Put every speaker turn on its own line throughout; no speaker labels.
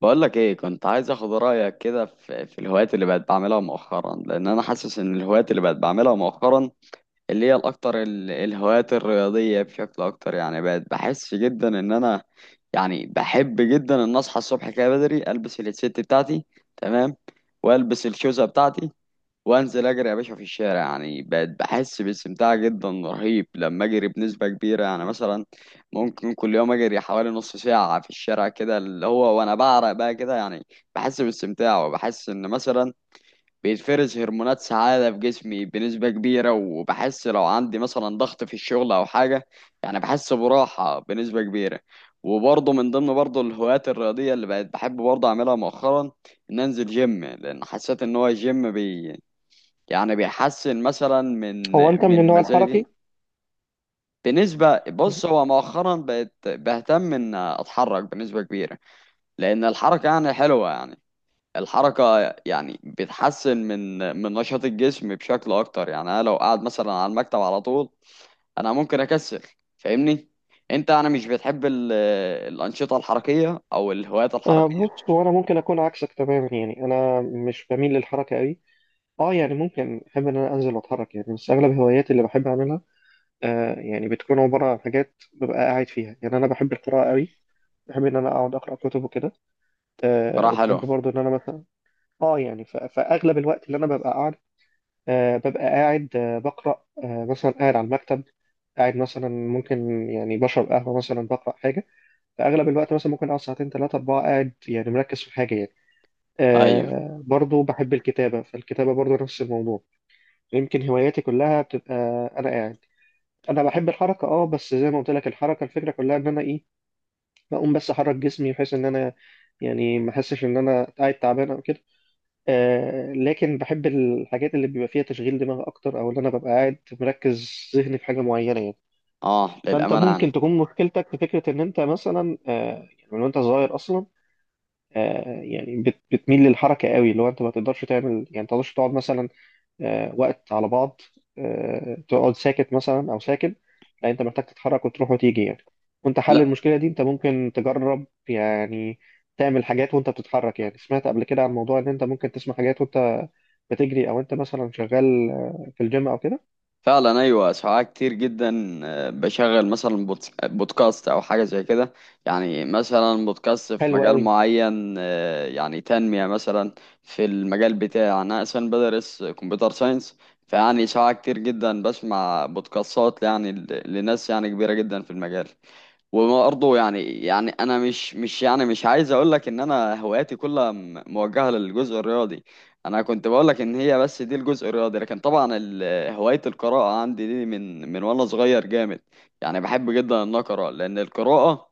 بقولك ايه، كنت عايز اخد رأيك كده في الهوايات اللي بقت بعملها مؤخرا، لان انا حاسس ان الهوايات اللي بقت بعملها مؤخرا، اللي هي الاكتر، الهوايات الرياضية بشكل اكتر. يعني بقت بحس جدا ان انا، يعني بحب جدا ان اصحى الصبح كده بدري، البس الهيدسيت بتاعتي، تمام، والبس الشوزة بتاعتي، وانزل اجري يا باشا في الشارع. يعني بقت بحس باستمتاع جدا رهيب لما اجري بنسبه كبيره. يعني مثلا ممكن كل يوم اجري حوالي نص ساعه في الشارع كده، اللي هو وانا بعرق بقى كده. يعني بحس باستمتاع، وبحس ان مثلا بيتفرز هرمونات سعاده في جسمي بنسبه كبيره، وبحس لو عندي مثلا ضغط في الشغل او حاجه، يعني بحس براحه بنسبه كبيره. وبرضه من ضمن برضه الهوايات الرياضيه اللي بقت بحب برضه اعملها مؤخرا، ان انزل جيم، لان حسيت ان هو الجيم بي، يعني بيحسن مثلا من
هو انت من
من
النوع
مزاجي
الحركي؟
بنسبة. بص، هو مؤخرا بقت بهتم ان اتحرك بنسبة كبيرة، لان الحركة يعني حلوة. يعني الحركة يعني بتحسن من نشاط الجسم بشكل اكتر. يعني انا لو قاعد مثلا على المكتب على طول، انا ممكن اكسل، فاهمني؟ انت، انا مش بتحب الانشطة الحركية او الهوايات
آه،
الحركية.
بص، هو انا ممكن اكون عكسك تماما، يعني انا مش بميل للحركه قوي. اه يعني ممكن احب ان انا انزل واتحرك يعني، بس اغلب هواياتي اللي بحب اعملها يعني بتكون عباره عن حاجات ببقى قاعد فيها، يعني انا بحب القراءه قوي. بحب ان انا اقعد اقرا كتب وكده.
بصراحة
وبحب
حلوة.
برضو ان انا مثلا اه يعني فاغلب الوقت اللي انا ببقى قاعد، ببقى قاعد، بقرا، مثلا قاعد على المكتب، قاعد مثلا، ممكن يعني بشرب قهوه مثلا، بقرا حاجه. فاغلب الوقت مثلا ممكن اقعد ساعتين ثلاثه اربعه قاعد يعني، مركز في حاجه يعني.
ايوه.
برضو بحب الكتابه، فالكتابه برضو نفس الموضوع. يمكن هواياتي كلها بتبقى انا قاعد. انا بحب الحركه بس زي ما قلت لك الحركه، الفكره كلها ان انا ايه، بقوم بس احرك جسمي بحيث ان انا يعني ما احسش ان انا قاعد تعبان او كده. لكن بحب الحاجات اللي بيبقى فيها تشغيل دماغ اكتر، او ان انا ببقى قاعد مركز ذهني في حاجه معينه يعني.
اه،
فانت
للأمانة
ممكن
يعني.
تكون مشكلتك في فكره، ان انت مثلا يعني من وانت صغير اصلا يعني بتميل للحركة قوي، اللي هو انت ما تقدرش تعمل، يعني ما تقدرش تقعد مثلا وقت على بعض، تقعد ساكت مثلا او ساكن. لا، انت محتاج تتحرك وتروح وتيجي يعني. وانت حل المشكلة دي، انت ممكن تجرب يعني، تعمل حاجات وانت بتتحرك. يعني سمعت قبل كده عن موضوع ان انت ممكن تسمع حاجات وانت بتجري، او انت مثلا شغال في الجيم او كده.
فعلا ايوه، ساعات كتير جدا بشغل مثلا بودكاست او حاجه زي كده. يعني مثلا بودكاست في
حلو
مجال
قوي.
معين، يعني تنميه مثلا. في المجال بتاعي انا اصلا بدرس كمبيوتر ساينس. فيعني ساعات كتير جدا بسمع بودكاستات، يعني لناس يعني كبيره جدا في المجال. وبرضه يعني انا مش يعني مش عايز اقول لك ان انا هواياتي كلها موجهه للجزء الرياضي. انا كنت بقول لك ان هي بس دي الجزء الرياضي، لكن طبعا هوايه القراءه عندي دي من وانا صغير جامد. يعني بحب جدا ان اقرا، لان القراءه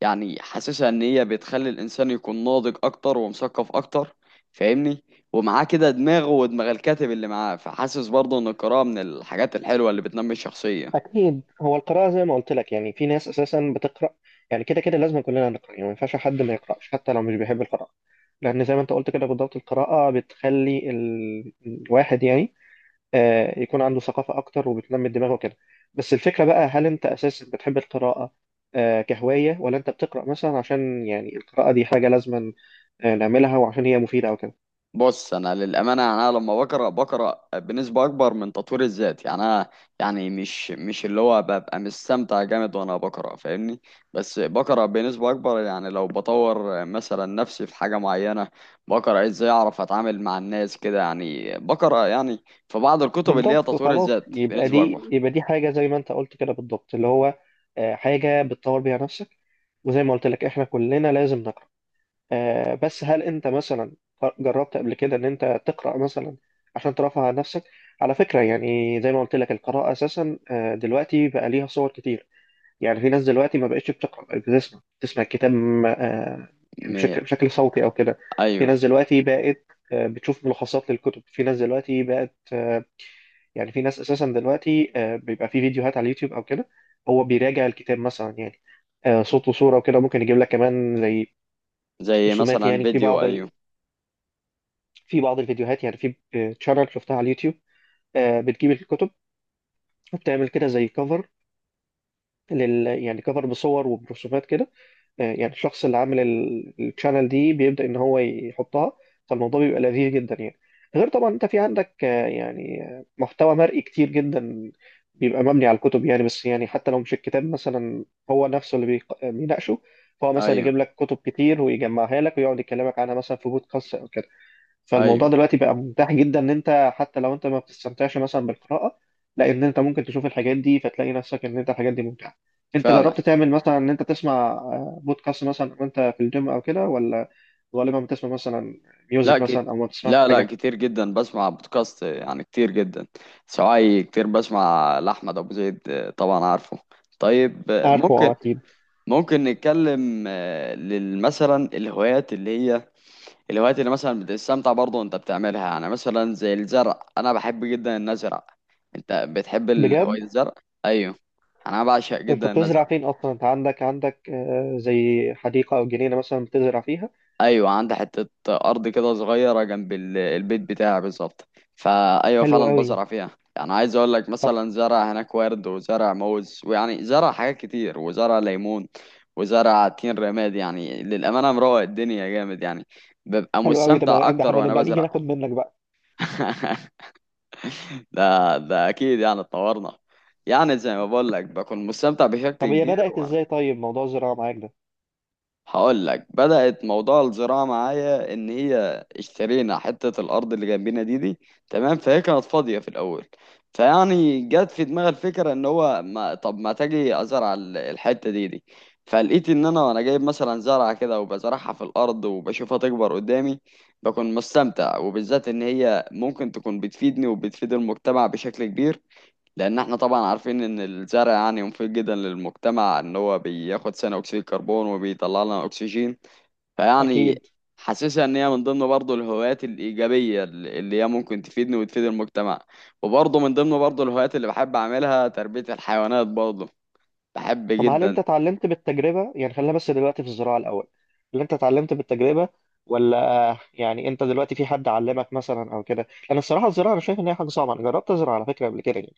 يعني حاسسها ان هي بتخلي الانسان يكون ناضج اكتر ومثقف اكتر، فاهمني؟ ومعاه كده دماغه ودماغ الكاتب اللي معاه، فحاسس برضه ان القراءه من الحاجات الحلوه اللي بتنمي الشخصيه.
اكيد، هو القراءه زي ما قلت لك، يعني في ناس اساسا بتقرا، يعني كده كده لازم كلنا نقرا، يعني ما ينفعش حد ما يقراش حتى لو مش بيحب القراءه. لان زي ما انت قلت كده بالضبط، القراءه بتخلي الواحد يعني يكون عنده ثقافه اكتر وبتنمي دماغه كده. بس الفكره بقى، هل انت اساسا بتحب القراءه كهوايه، ولا انت بتقرا مثلا عشان يعني القراءه دي حاجه لازم نعملها وعشان هي مفيده او كده؟
بص، انا للامانه يعني، انا لما بقرا بنسبه اكبر من تطوير الذات. يعني انا يعني مش اللي هو ببقى مستمتع جامد وانا بقرا، فاهمني؟ بس بقرا بنسبه اكبر، يعني لو بطور مثلا نفسي في حاجه معينه، بقرا ازاي اعرف اتعامل مع الناس كده. يعني بقرا يعني في بعض الكتب اللي هي
بالضبط،
تطوير
خلاص،
الذات
يبقى
بنسبه اكبر.
دي حاجة زي ما انت قلت كده بالضبط، اللي هو حاجة بتطور بيها نفسك. وزي ما قلت لك احنا كلنا لازم نقرأ، بس هل انت مثلا جربت قبل كده ان انت تقرأ مثلا عشان ترفع عن نفسك؟ على فكرة، يعني زي ما قلت لك القراءة اساسا دلوقتي بقى ليها صور كتير. يعني في ناس دلوقتي ما بقتش بتقرأ، بقت بتسمع الكتاب يعني
م...
بشكل صوتي او كده. في
ايوه.
ناس دلوقتي بقت بتشوف ملخصات للكتب، في ناس دلوقتي بقت يعني في ناس اساسا دلوقتي بيبقى في فيديوهات على اليوتيوب او كده، هو بيراجع الكتاب مثلا يعني، صوت وصوره وكده، ممكن يجيب لك كمان زي
زي
رسومات.
مثلا
يعني في
فيديو،
بعض
ايوه.
الفيديوهات يعني، في تشانل شفتها على اليوتيوب، بتجيب الكتب، وبتعمل كده زي كفر يعني كفر بصور وبرسومات كده. يعني الشخص اللي عامل الشانل دي بيبدأ ان هو يحطها، فالموضوع بيبقى لذيذ جدا يعني. غير طبعا انت في عندك يعني محتوى مرئي كتير جدا بيبقى مبني على الكتب، يعني، بس يعني حتى لو مش الكتاب مثلا هو نفسه اللي بيناقشه، فهو مثلا
ايوه.
يجيب لك كتب كتير ويجمعها لك ويقعد يكلمك عنها مثلا في بودكاست او كده.
ايوه
فالموضوع دلوقتي بقى متاح جدا، ان انت حتى لو انت ما بتستمتعش مثلا بالقراءة، لا، ان انت ممكن تشوف الحاجات دي فتلاقي نفسك ان انت الحاجات دي ممتعة. انت
فعلا.
جربت تعمل مثلا ان انت تسمع بودكاست مثلا وانت في الجيم او كده، ولا غالبا بتسمع مثلا
لا
ميوزك
ك...
مثلا، او ما بتسمعش
لا، لا،
حاجة؟
كتير جدا بسمع بودكاست، يعني كتير جدا. سواعي كتير بسمع لأحمد أبو زيد، آه، طبعا عارفه. طيب،
عارفه،
ممكن
اه، اكيد.
ممكن نتكلم، مثلا الهوايات اللي هي الهوايات اللي مثلا بتستمتع برضه وانت بتعملها. يعني مثلا زي الزرع، انا بحب جدا ان ازرع. انت بتحب
بجد؟
هواية الزرع؟ ايوه. انا بعشق
انت
جدا ان ازرع.
بتزرع فين اصلا؟ انت عندك زي حديقه او جنينه مثلا بتزرع فيها؟
ايوه، عندي حته ارض كده صغيره جنب البيت بتاعي بالظبط. فايوه
حلو
فعلا
قوي،
بزرع فيها. يعني عايز اقول لك،
طب.
مثلا زرع هناك ورد، وزرع موز، ويعني زرع حاجات كتير، وزرع ليمون، وزرع تين رماد. يعني للامانه مروق الدنيا جامد، يعني ببقى
حلو قوي، طب،
مستمتع
ده
اكتر
احنا
وانا
نبقى نيجي
بزرع.
ناخد منك بقى.
ده ده اكيد. يعني اتطورنا، يعني زي ما بقول لك بكون مستمتع بشكل
طب هي
كبير.
بدأت ازاي طيب، موضوع الزراعه معاك ده؟
هقول لك، بدأت موضوع الزراعة معايا إن هي اشترينا حتة الأرض اللي جنبنا دي، تمام. فهي كانت فاضية في الأول. فيعني جت في دماغي الفكرة، إن هو ما طب ما تجي أزرع الحتة دي. فلقيت إن أنا وأنا جايب مثلا زرعة كده، وبزرعها في الأرض، وبشوفها تكبر قدامي، بكون مستمتع. وبالذات إن هي ممكن تكون بتفيدني، وبتفيد المجتمع بشكل كبير. لان احنا طبعا عارفين ان الزرع يعني مفيد جدا للمجتمع، ان هو بياخد ثاني اكسيد الكربون وبيطلع لنا اكسجين.
اكيد.
فيعني حاسسها ان هي من ضمن برضه الهوايات الايجابيه اللي هي ممكن تفيدني وتفيد المجتمع. وبرضه من ضمن برضه الهوايات اللي بحب اعملها تربيه الحيوانات برضه، بحب
طب هل
جدا.
انت اتعلمت بالتجربة؟ يعني خلينا بس دلوقتي في الزراعة الأول، هل انت اتعلمت بالتجربة، ولا يعني انت دلوقتي في حد علمك مثلا او كده؟ انا الصراحة الزراعة انا شايف ان هي حاجة صعبة. انا جربت ازرع على فكرة قبل كده يعني،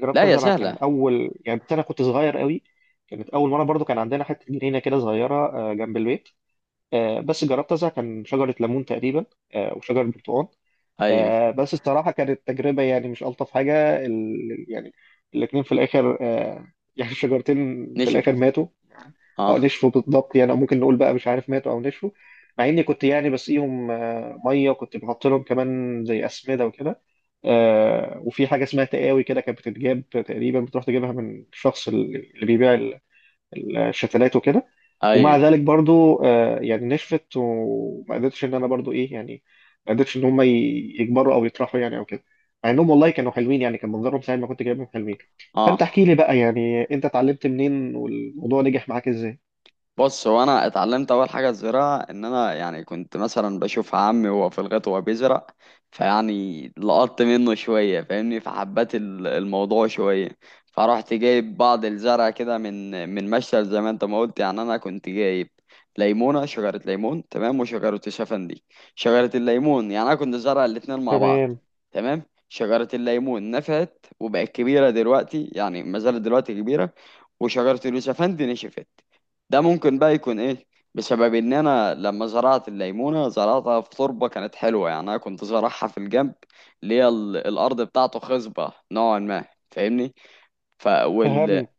جربت
لا، يا
ازرع كان
سهله.
اول، يعني انا كنت صغير قوي، كانت اول مرة برضو، كان عندنا حتة جنينة كده صغيرة جنب البيت، بس جربت ازرع، كان شجرة ليمون تقريبا، وشجرة برتقال،
ايوه.
بس الصراحة كانت تجربة يعني مش ألطف حاجة، يعني الاتنين في الآخر يعني الشجرتين في الآخر
نشفه.
ماتوا، او
اه.
نشفوا بالضبط، يعني، او ممكن نقول بقى، مش عارف، ماتوا او نشفوا. مع اني كنت يعني بسقيهم ميه، وكنت بحط لهم كمان زي اسمده وكده، وفي حاجه اسمها تقاوي كده، كانت بتتجاب تقريبا، بتروح تجيبها من الشخص اللي بيبيع الشتلات وكده.
ايوه.
ومع ذلك برضو يعني نشفت، وما قدرتش ان انا برضو ايه يعني، ما قدرتش ان هم يكبروا او يطرحوا يعني او كده، مع انهم والله كانوا حلوين يعني، كان منظرهم ساعه ما كنت جايبهم حلوين. فانت
اه،
احكي لي بقى، يعني انت اتعلمت منين، والموضوع نجح معاك ازاي؟
بص، هو انا اتعلمت اول حاجه الزراعه، ان انا يعني كنت مثلا بشوف عمي وهو في الغيط وهو بيزرع. فيعني لقطت منه شويه، فاهمني؟ فحبيت الموضوع شويه. فرحت جايب بعض الزرع كده، من مشتل، زي ما انت ما قلت. يعني انا كنت جايب ليمونه، شجره ليمون تمام، وشجره الشفندي. شجره الليمون، يعني انا كنت زارع الاتنين مع بعض،
تمام.
تمام. شجره الليمون نفعت وبقت كبيره دلوقتي، يعني ما زالت دلوقتي كبيره. وشجره اليوسفندي نشفت. ده ممكن بقى يكون ايه؟ بسبب ان انا لما زرعت الليمونه، زرعتها في تربه كانت حلوه. يعني انا كنت زرعها في الجنب اللي هي الارض بتاعته خصبه نوعا ما، فاهمني؟ ف وال
فهمت.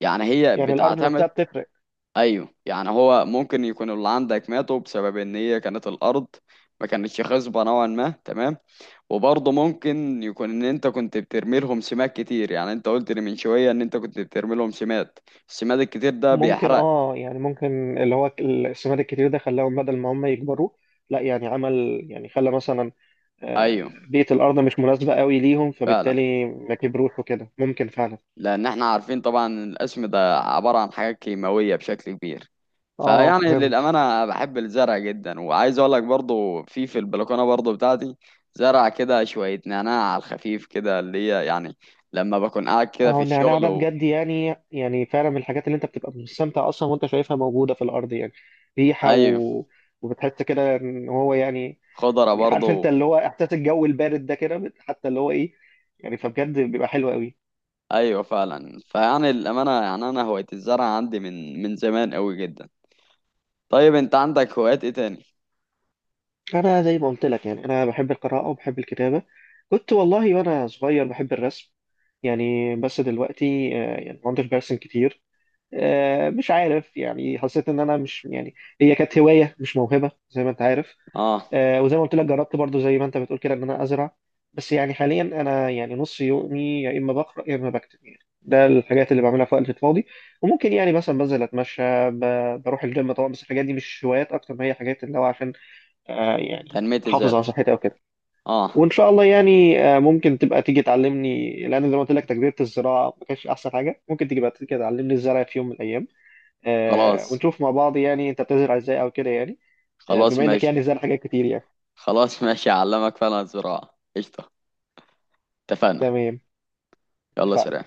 يعني هي
يعني الارض نفسها
بتعتمد.
بتفرق.
ايوه، يعني هو ممكن يكون اللي عندك ماتوا بسبب ان هي كانت الارض ما كانتش خصبه نوعا ما، تمام. وبرضه ممكن يكون ان انت كنت بترمي لهم سماد كتير. يعني انت قلت لي من شويه ان انت كنت بترمي لهم سماد، السماد الكتير ده
ممكن،
بيحرق.
اه، يعني ممكن اللي هو السماد الكتير ده خلاهم بدل ما هم يكبروا، لا يعني، عمل يعني، خلى مثلا آه،
ايوه
بيئة الارض مش مناسبة قوي ليهم،
فعلا،
فبالتالي ما كبروش وكده، ممكن فعلا.
لان احنا عارفين طبعا إن القسم ده عبارة عن حاجات كيماوية بشكل كبير.
اه،
فيعني
فهمت.
للأمانة بحب الزرع جدا. وعايز اقول لك برضو في البلكونة برضو بتاعتي زرع كده شوية نعناع على الخفيف كده، اللي هي يعني لما بكون قاعد كده في
اه، النعناع
الشغل
ده بجد يعني فعلا من الحاجات اللي انت بتبقى مستمتع اصلا وانت شايفها موجودة في الارض، يعني ريحة
ايوه،
وبتحس كده ان هو يعني
خضرة
يعني عارف انت
برضو.
اللي هو احساس الجو البارد ده كده، حتى اللي هو ايه، يعني فبجد بيبقى حلو قوي.
ايوه فعلا. فيعني للأمانة يعني انا هواية الزرع عندي من زمان قوي جدا. طيب، انت عندك هوايات ايه تاني؟
انا زي ما قلت لك، يعني انا بحب القراءه وبحب الكتابه، كنت والله وانا صغير بحب الرسم، يعني، بس دلوقتي يعني ما عدتش برسم كتير، مش عارف يعني، حسيت ان انا مش يعني، هي كانت هوايه مش موهبه زي ما انت عارف.
اه،
وزي ما قلت لك جربت برضو زي ما انت بتقول كده ان انا ازرع، بس يعني حاليا انا يعني نص يومي يا اما بقرا يا اما بكتب يعني، ده الحاجات اللي بعملها في وقت الفاضي. وممكن يعني مثلا بنزل اتمشى، بروح الجيم طبعا، بس الحاجات دي مش هوايات اكتر ما هي حاجات اللي هو عشان يعني
تنمية
احافظ على
الذات.
صحتي او كده.
اه.
وان شاء الله يعني ممكن تبقى تيجي تعلمني، لان زي ما قلت لك تجربه الزراعه ما كانتش احسن حاجه، ممكن تيجي بقى تيجي تعلمني الزرع في يوم من الايام،
خلاص.
ونشوف مع بعض، يعني انت بتزرع ازاي او كده يعني،
خلاص
بما انك يعني
ماشي.
زرع حاجات كتير يعني.
خلاص ماشي، اعلمك فعلا. الزراعة قشطة. اتفقنا.
تمام،
يلا،
اتفقنا.
سلام.